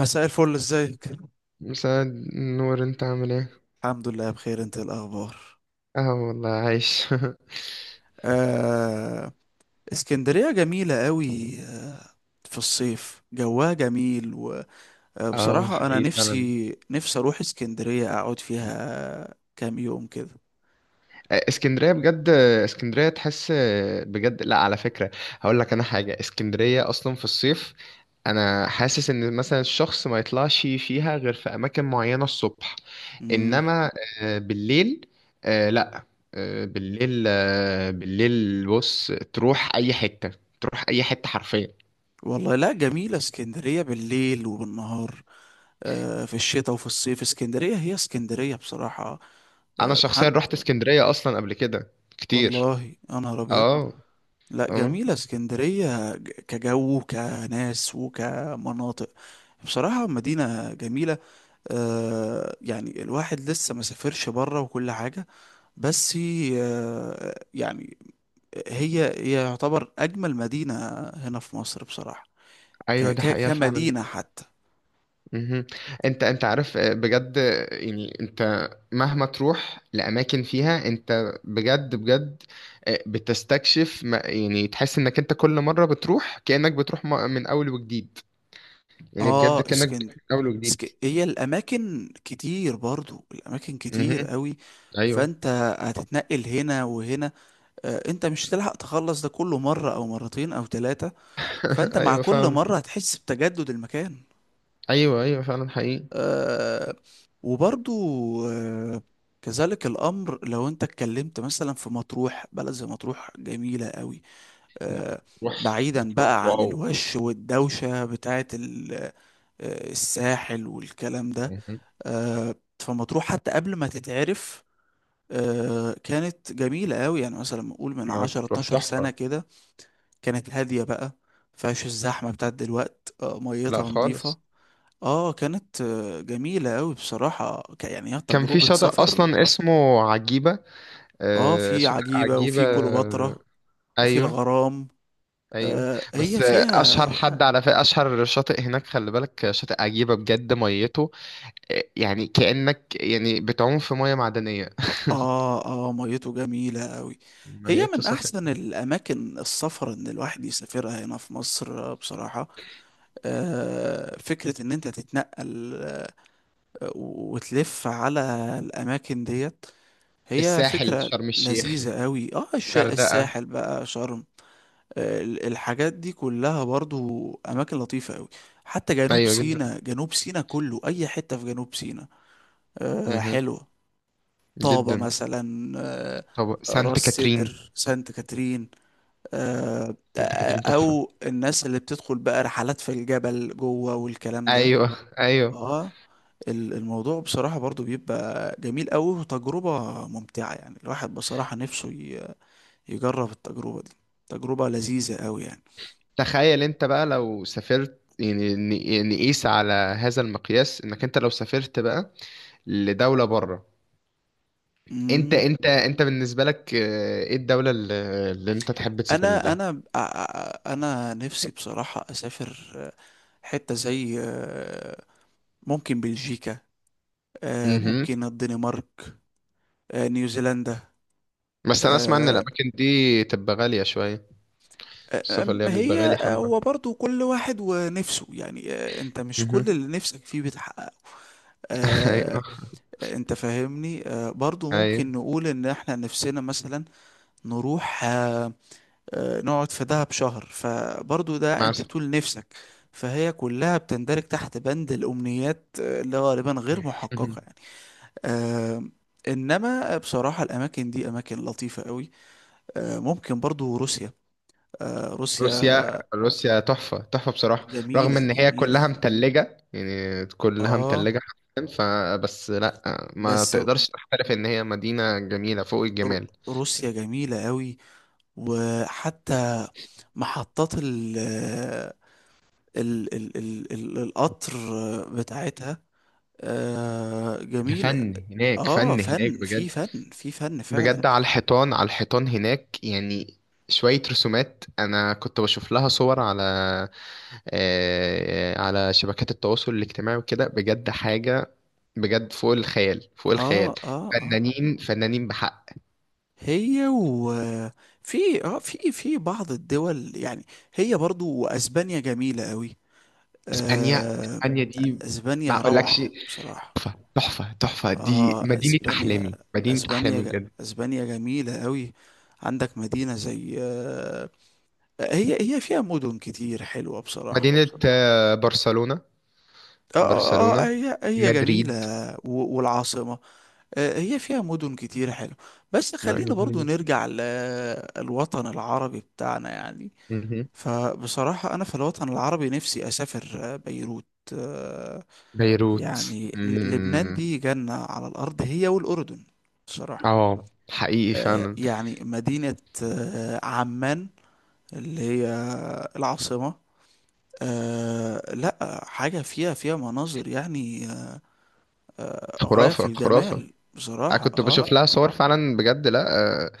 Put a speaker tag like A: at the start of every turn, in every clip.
A: مساء الفل، ازيك؟
B: مساعد نور، انت عامل ايه؟
A: الحمد لله بخير، انت إيه الاخبار؟
B: اه والله عايش
A: آه. اسكندرية جميلة قوي. في الصيف جواها جميل.
B: اه
A: وبصراحة انا
B: حقيقي فعلا.
A: نفسي اروح اسكندرية اقعد فيها كام يوم كده.
B: اسكندرية بجد. اسكندرية تحس، بجد. لا، على فكرة، هقول لك انا حاجة. اسكندرية اصلا في الصيف، انا حاسس ان مثلا الشخص ما يطلعش فيها غير في اماكن معينة الصبح.
A: مم.
B: انما بالليل. لا، بالليل، بالليل بص تروح اي حتة، تروح اي حتة حرفيا.
A: والله لا، جميلة اسكندرية بالليل وبالنهار. آه، في الشتاء وفي الصيف اسكندرية هي اسكندرية بصراحة.
B: انا
A: آه
B: شخصيا
A: حد
B: رحت اسكندرية اصلا قبل كده كتير.
A: والله انا ابيض.
B: اه
A: لا
B: اه،
A: جميلة اسكندرية كجو كناس وكمناطق، بصراحة مدينة جميلة. يعني الواحد لسه ما سافرش بره وكل حاجة، بس. آه يعني هي يعتبر أجمل مدينة هنا في مصر بصراحة، ك
B: ايوه دي
A: ك
B: حقيقة فعلا.
A: كمدينة حتى.
B: مهم. انت عارف، بجد، يعني انت مهما تروح لاماكن فيها انت بجد بجد بتستكشف، يعني تحس انك انت كل مرة بتروح كأنك بتروح من اول وجديد، يعني بجد
A: اه
B: كأنك
A: اسكند
B: بتروح من اول وجديد.
A: هي الأماكن كتير، برضو الأماكن كتير
B: مهم.
A: قوي.
B: ايوه.
A: فأنت هتتنقل هنا وهنا، انت مش هتلحق تخلص ده كله مرة او مرتين او ثلاثة. فانت مع
B: ايوه
A: كل
B: فعلا.
A: مرة هتحس بتجدد المكان.
B: ايوه ايوه فعلا حقيقي.
A: آه، وبرضو، آه، كذلك الامر لو انت اتكلمت مثلا في مطروح، بلد زي مطروح جميلة قوي.
B: لا،
A: آه،
B: مطروح
A: بعيدا
B: مطروح
A: بقى عن
B: واو.
A: الوش والدوشة بتاعت الساحل والكلام ده.
B: مهم.
A: آه، فمطروح حتى قبل ما تتعرف كانت جميلة قوي. يعني مثلا نقول من 10
B: مطروح
A: 12 سنة
B: تحفة.
A: كده، كانت هادية بقى، مفيهاش الزحمة بتاعت دلوقت.
B: لا
A: ميتها نظيفة.
B: خالص.
A: اه كانت جميلة أوي بصراحة، يعني هي
B: كان في
A: تجربة
B: شاطئ
A: سفر.
B: اصلا اسمه عجيبة،
A: اه في
B: شاطئ
A: عجيبة
B: عجيبة.
A: وفي كليوباترا وفي
B: أيوه.
A: الغرام.
B: أيوه. بس
A: هي
B: أشهر
A: فيها.
B: حد على فكرة، أشهر شاطئ هناك، خلي بالك، شاطئ عجيبة بجد ميته، يعني كأنك يعني بتعوم في مية معدنية.
A: اه ميته جميلة أوي. هي
B: ميته
A: من
B: صافية.
A: أحسن الأماكن السفر إن الواحد يسافرها هنا في مصر بصراحة. فكرة إن أنت تتنقل وتلف على الأماكن ديت، هي
B: الساحل،
A: فكرة
B: شرم الشيخ،
A: لذيذة قوي. اه
B: غردقة.
A: الساحل بقى، شرم. الحاجات دي كلها برضو اماكن لطيفة قوي. حتى جنوب
B: أيوه جدا.
A: سيناء، جنوب سيناء كله، اي حتة في جنوب سيناء
B: مه.
A: حلوة. طابة
B: جدا.
A: مثلا،
B: طب سانت
A: راس
B: كاترين.
A: سدر، سانت كاترين،
B: سانت كاترين تحفة.
A: او الناس اللي بتدخل بقى رحلات في الجبل جوه والكلام ده.
B: أيوه. أيوه.
A: اه الموضوع بصراحة برضو بيبقى جميل قوي وتجربة ممتعة. يعني الواحد بصراحة نفسه يجرب التجربة دي، تجربة لذيذة قوي يعني.
B: تخيل أنت بقى لو سافرت يعني، نقيس على هذا المقياس، إنك أنت لو سافرت بقى لدولة بره. انت
A: مم.
B: انت انت بالنسبه لك، ايه الدوله اللي، اللي انت تحب تسافر
A: انا
B: لها؟
A: انا ب- ع- ع- انا نفسي بصراحة اسافر حتة زي ممكن بلجيكا،
B: امم.
A: ممكن الدنمارك، نيوزيلندا.
B: بس انا اسمع ان
A: آه،
B: الاماكن دي تبقى غاليه شويه.
A: آه،
B: السفر
A: آم،
B: اللي هي بيبقى
A: هي
B: غالي حبه.
A: هو برضو كل واحد ونفسه يعني. انت مش كل
B: امم.
A: اللي نفسك فيه بتحققه. آه،
B: ايوه.
A: انت فاهمني. برضو
B: ايوه
A: ممكن نقول ان احنا نفسنا مثلا نروح نقعد في دهب شهر، فبرضو ده انت
B: مثلا.
A: بتقول نفسك. فهي كلها بتندرج تحت بند الأمنيات اللي غالبا غير
B: مهم.
A: محققة يعني. آه، إنما بصراحة الأماكن دي أماكن لطيفة قوي. ممكن برضو روسيا، روسيا
B: روسيا، روسيا تحفه تحفه بصراحه. رغم
A: جميلة
B: ان هي كلها
A: جميلة
B: متلجه، يعني كلها
A: آه
B: متلجه حرفيا، فبس لا، ما
A: بس ر-
B: تقدرش تختلف ان هي مدينه جميله فوق
A: ر-
B: الجمال.
A: روسيا جميلة قوي. وحتى محطات ال القطر بتاعتها
B: ده
A: جميلة.
B: فن هناك،
A: اه
B: فن هناك
A: فن
B: بجد.
A: في، فن في، فن فعلا.
B: بجد على الحيطان، على الحيطان هناك، يعني شوية رسومات أنا كنت بشوف لها صور على، على شبكات التواصل الاجتماعي وكده، بجد حاجة بجد فوق الخيال، فوق
A: اه
B: الخيال.
A: اه اه
B: فنانين فنانين بحق.
A: هي و في اه في، في بعض الدول يعني، هي برضو اسبانيا جميلة قوي.
B: إسبانيا،
A: آه
B: إسبانيا دي ما
A: اسبانيا
B: أقولكش.
A: روعة بصراحة.
B: تحفة تحفة تحفة، دي
A: اه
B: مدينة
A: اسبانيا،
B: أحلامي، مدينة أحلامي بجد.
A: اسبانيا جميلة قوي. عندك مدينة زي هي، هي مدن كتير حلوة بصراحة.
B: مدينة برشلونة.
A: اه اه
B: برشلونة،
A: آه، هي هي جميلة.
B: مدريد.
A: والعاصمة، هي فيها مدن كتير حلو. بس
B: لا،
A: خلينا
B: جميلة
A: برضو
B: جدا.
A: نرجع للوطن العربي بتاعنا يعني.
B: مهم.
A: فبصراحة أنا في الوطن العربي نفسي أسافر بيروت. آه،
B: بيروت.
A: يعني لبنان
B: مم.
A: دي جنة على الأرض، هي والأردن بصراحة.
B: اه حقيقي فعلا.
A: يعني مدينة عمان اللي هي العاصمة، لا حاجة. فيها فيها مناظر يعني غاية في
B: خرافة خرافة.
A: الجمال
B: انا
A: بصراحة.
B: كنت بشوف لها صور فعلا بجد. لا، آه،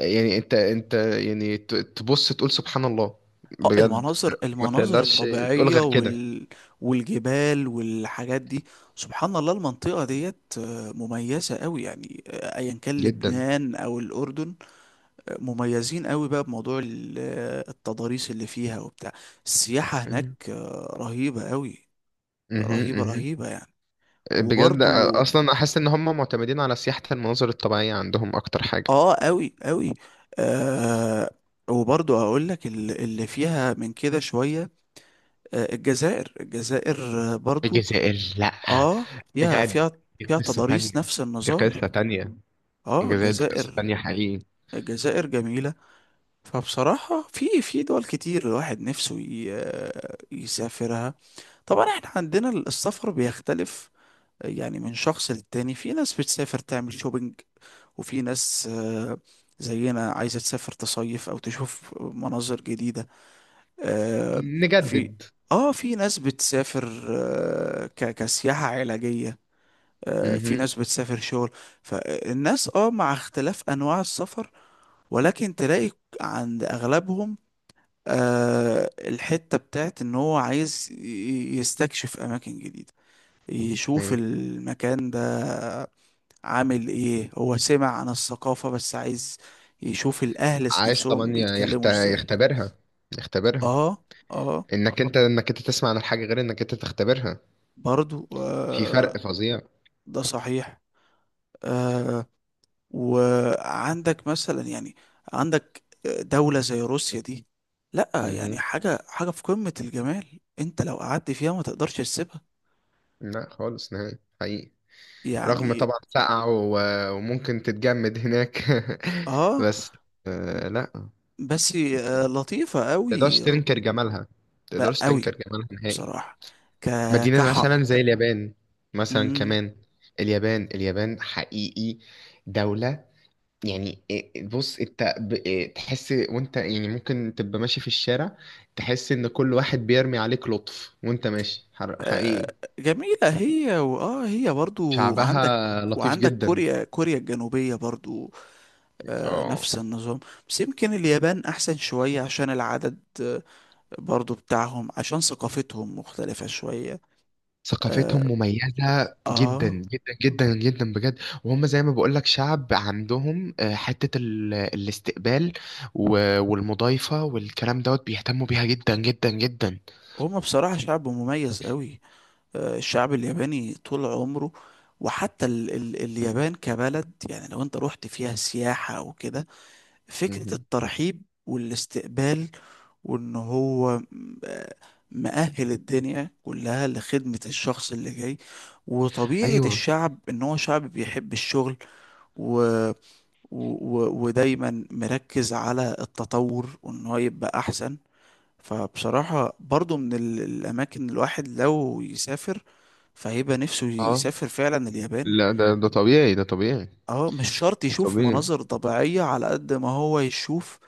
B: يعني انت يعني تبص تقول سبحان الله بجد.
A: المناظر،
B: ما
A: المناظر
B: تقدرش تقول
A: الطبيعية
B: غير كده.
A: والجبال والحاجات دي. سبحان الله، المنطقة ديت مميزة قوي يعني. ايا كان
B: جدا.
A: لبنان او الاردن مميزين قوي بقى بموضوع التضاريس اللي فيها وبتاع. السياحة
B: ايوه.
A: هناك رهيبة قوي،
B: مهم،
A: رهيبة
B: مهم.
A: رهيبة يعني.
B: بجد،
A: وبرضو
B: اصلا احس ان هم معتمدين على سياحة المناظر الطبيعية عندهم اكتر حاجة.
A: اه قوي قوي. آه وبرضو هقول لك اللي فيها من كده شوية الجزائر، الجزائر برضو.
B: الجزائر، لا
A: اه فيها،
B: بجد.
A: فيها
B: دي
A: فيها
B: قصة تانية.
A: تضاريس نفس
B: دي
A: النظام.
B: قصة تانية.
A: اه
B: الجزائر دي قصة
A: الجزائر،
B: تانية حقيقي.
A: الجزائر جميلة. فبصراحة في، في دول كتير الواحد نفسه يسافرها. طبعا احنا عندنا السفر بيختلف، يعني من شخص للتاني. في ناس بتسافر تعمل شوبينج، وفي ناس زينا عايزة تسافر تصيف او تشوف مناظر جديدة آه، في.
B: نجدد.
A: اه في ناس بتسافر كسياحة علاجية، في
B: مهم.
A: ناس بتسافر شغل. فالناس اه مع اختلاف انواع السفر ولكن تلاقي عند اغلبهم الحتة بتاعت ان هو عايز يستكشف اماكن جديدة، يشوف
B: ايوه.
A: المكان ده عامل ايه. هو سمع عن الثقافة بس عايز يشوف الاهل
B: عايز
A: نفسهم
B: طبعا
A: بيتكلموا ازاي.
B: يختبرها، يختبرها.
A: اه اه.
B: انك انت تسمع عن الحاجه غير انك انت تختبرها.
A: برضو
B: في فرق فظيع.
A: ده صحيح. آه، وعندك مثلا يعني عندك دولة زي روسيا دي، لا يعني
B: مهم.
A: حاجة في قمة الجمال. انت لو قعدت فيها ما تقدرش تسيبها
B: لا خالص نهائي حقيقي. رغم
A: يعني.
B: طبعا سقعة، وممكن تتجمد هناك
A: اه
B: بس لا، ما
A: بس لطيفة
B: تقدرش
A: قوي،
B: تنكر جمالها، ما تقدرش تنكر
A: قوي
B: جمالها نهائي.
A: بصراحة، ك
B: مدينة
A: كحق
B: مثلا زي اليابان، مثلا
A: مم.
B: كمان. اليابان اليابان حقيقي دولة، يعني إيه- إيه، بص انت ب- إيه، تحس وانت يعني ممكن تبقى ماشي في الشارع، تحس ان كل واحد بيرمي عليك لطف وانت ماشي،
A: آه،
B: حقيقي.
A: جميلة هي. هي برضو
B: شعبها
A: عندك،
B: لطيف
A: وعندك
B: جدا.
A: كوريا، كوريا الجنوبية برضو
B: اه.
A: نفس النظام. بس يمكن اليابان احسن شوية عشان العدد برضو بتاعهم، عشان ثقافتهم مختلفة شوية.
B: ثقافتهم
A: آه,
B: مميزة جدا
A: آه
B: جدا جدا جدا بجد. وهم زي ما بقولك شعب عندهم، حتة الاستقبال والمضايفة والكلام دوت، بيهتموا بيها جدا جدا جدا.
A: هما بصراحة شعب مميز قوي. الشعب الياباني طول عمره. وحتى ال ال اليابان كبلد، يعني لو انت رحت فيها سياحة او كده، فكرة
B: مهم.
A: الترحيب والاستقبال وان هو مأهل الدنيا كلها لخدمة الشخص اللي جاي. وطبيعة
B: ايوه.
A: الشعب ان هو شعب بيحب الشغل ودايما مركز على التطور وان هو يبقى احسن. فبصراحة برضو من الاماكن اللي الواحد لو يسافر فهيبقى نفسه
B: اه.
A: يسافر فعلا اليابان.
B: لا ده طبيعي، ده طبيعي.
A: اه مش شرط
B: ده
A: يشوف
B: طبيعي،
A: مناظر طبيعية على قد ما هو يشوف.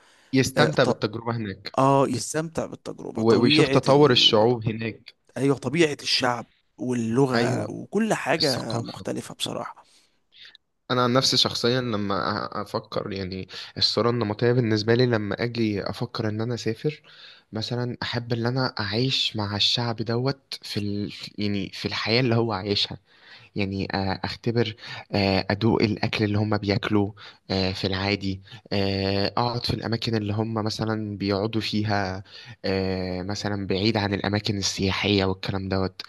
A: اه,
B: يستمتع
A: ط-
B: بالتجربة هناك
A: يستمتع بالتجربة،
B: ويشوف
A: طبيعة
B: تطور الشعوب هناك.
A: ايوه، طبيعة الشعب واللغة
B: أيوة.
A: وكل حاجة
B: الثقافة.
A: مختلفة بصراحة.
B: أنا عن نفسي شخصيا لما أفكر يعني، الصورة النمطية بالنسبة لي لما أجي أفكر إن أنا أسافر، مثلا أحب إن أنا أعيش مع الشعب دوت في ال... يعني في الحياة اللي هو عايشها، يعني اختبر، ادوق الاكل اللي هم بياكلوه في العادي، اقعد في الاماكن اللي هم مثلا بيقعدوا فيها، مثلا بعيد عن الاماكن السياحيه والكلام دوت،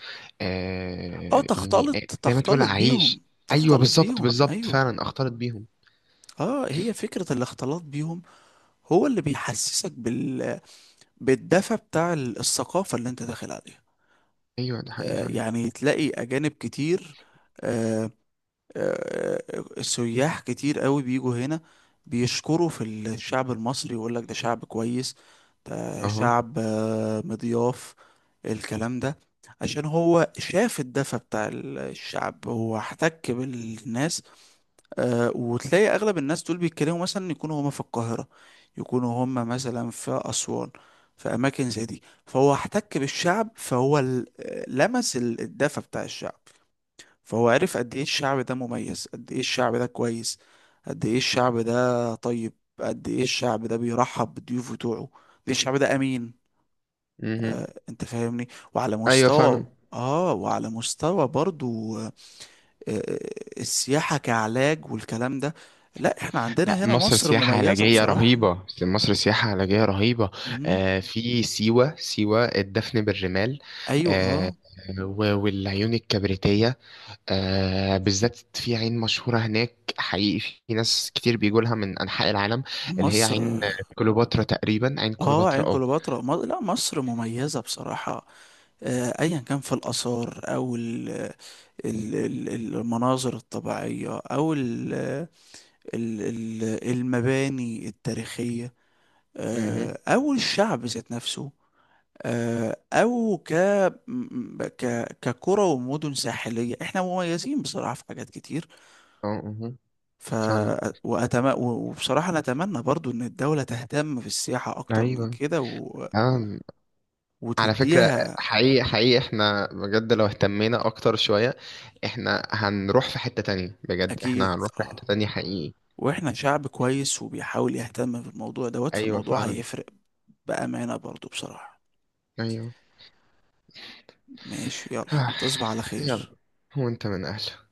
A: اه
B: يعني
A: تختلط
B: زي ما تقول
A: تختلط بيهم،
B: اعيش. ايوه
A: تختلط
B: بالظبط،
A: بيهم
B: بالظبط
A: ايوه.
B: فعلا اختلط بيهم.
A: اه هي فكرة الاختلاط بيهم، هو اللي بيحسسك بالدفى بتاع الثقافة اللي انت داخل عليها.
B: ايوه ده حقيقي فعلا.
A: يعني تلاقي اجانب كتير، آه آه سياح كتير قوي بيجوا هنا بيشكروا في الشعب المصري، يقول لك ده شعب كويس، ده
B: اها.
A: شعب مضياف الكلام ده. عشان هو شاف الدفى بتاع الشعب، هو احتك بالناس. وتلاقي اغلب الناس دول بيتكلموا مثلا، يكونوا هما في القاهرة، يكونوا هما مثلا في اسوان، في اماكن زي دي. فهو احتك بالشعب، فهو لمس الدفى بتاع الشعب. فهو عرف قد ايه الشعب ده مميز، قد ايه الشعب ده كويس، قد ايه الشعب ده طيب، قد ايه الشعب ده بيرحب بالضيوف بتوعه، قد ايه الشعب ده امين.
B: مهم.
A: انت فاهمني. وعلى
B: ايوه فعلا.
A: مستوى، اه وعلى مستوى برضو آه، السياحة كعلاج والكلام ده، لا احنا
B: لا،
A: عندنا هنا
B: مصر
A: مصر
B: سياحة
A: مميزة
B: علاجية
A: بصراحة.
B: رهيبة، مصر سياحة علاجية رهيبة.
A: مم.
B: آه في سيوة، سيوة الدفن بالرمال،
A: ايوه
B: آه
A: اه
B: والعيون الكبريتية، آه بالذات في عين مشهورة هناك حقيقي، في ناس كتير بيجوا لها من أنحاء العالم، اللي هي
A: مصر.
B: عين كليوباترا تقريبا، عين
A: اه عين
B: كليوباترا. اه.
A: كليوباترا. لا مصر مميزة بصراحة، ايا كان في الآثار او ال- المناظر الطبيعية او المباني التاريخية
B: مهم.
A: او الشعب ذات نفسه او ك كقرى ومدن ساحليه، احنا مميزين بصراحه في حاجات كتير.
B: اه. مهم.
A: ف
B: فعلا.
A: وبصراحه انا اتمنى برضو ان الدوله تهتم بالسياحه اكتر من
B: أيوة.
A: كده
B: آه. على فكرة،
A: وتديها.
B: حقيقي حقيقي احنا بجد لو اهتمينا اكتر شوية، احنا هنروح في حتة تانية بجد، احنا
A: اكيد
B: هنروح في حتة
A: اه.
B: تانية حقيقي.
A: واحنا شعب كويس وبيحاول يهتم بالموضوع دوت،
B: ايوه
A: فالموضوع
B: فعلا.
A: هيفرق بامانه برضو بصراحه.
B: ايوه.
A: ماشي يلا، تصبح على
B: يلا.
A: خير.
B: هو انت من اهله؟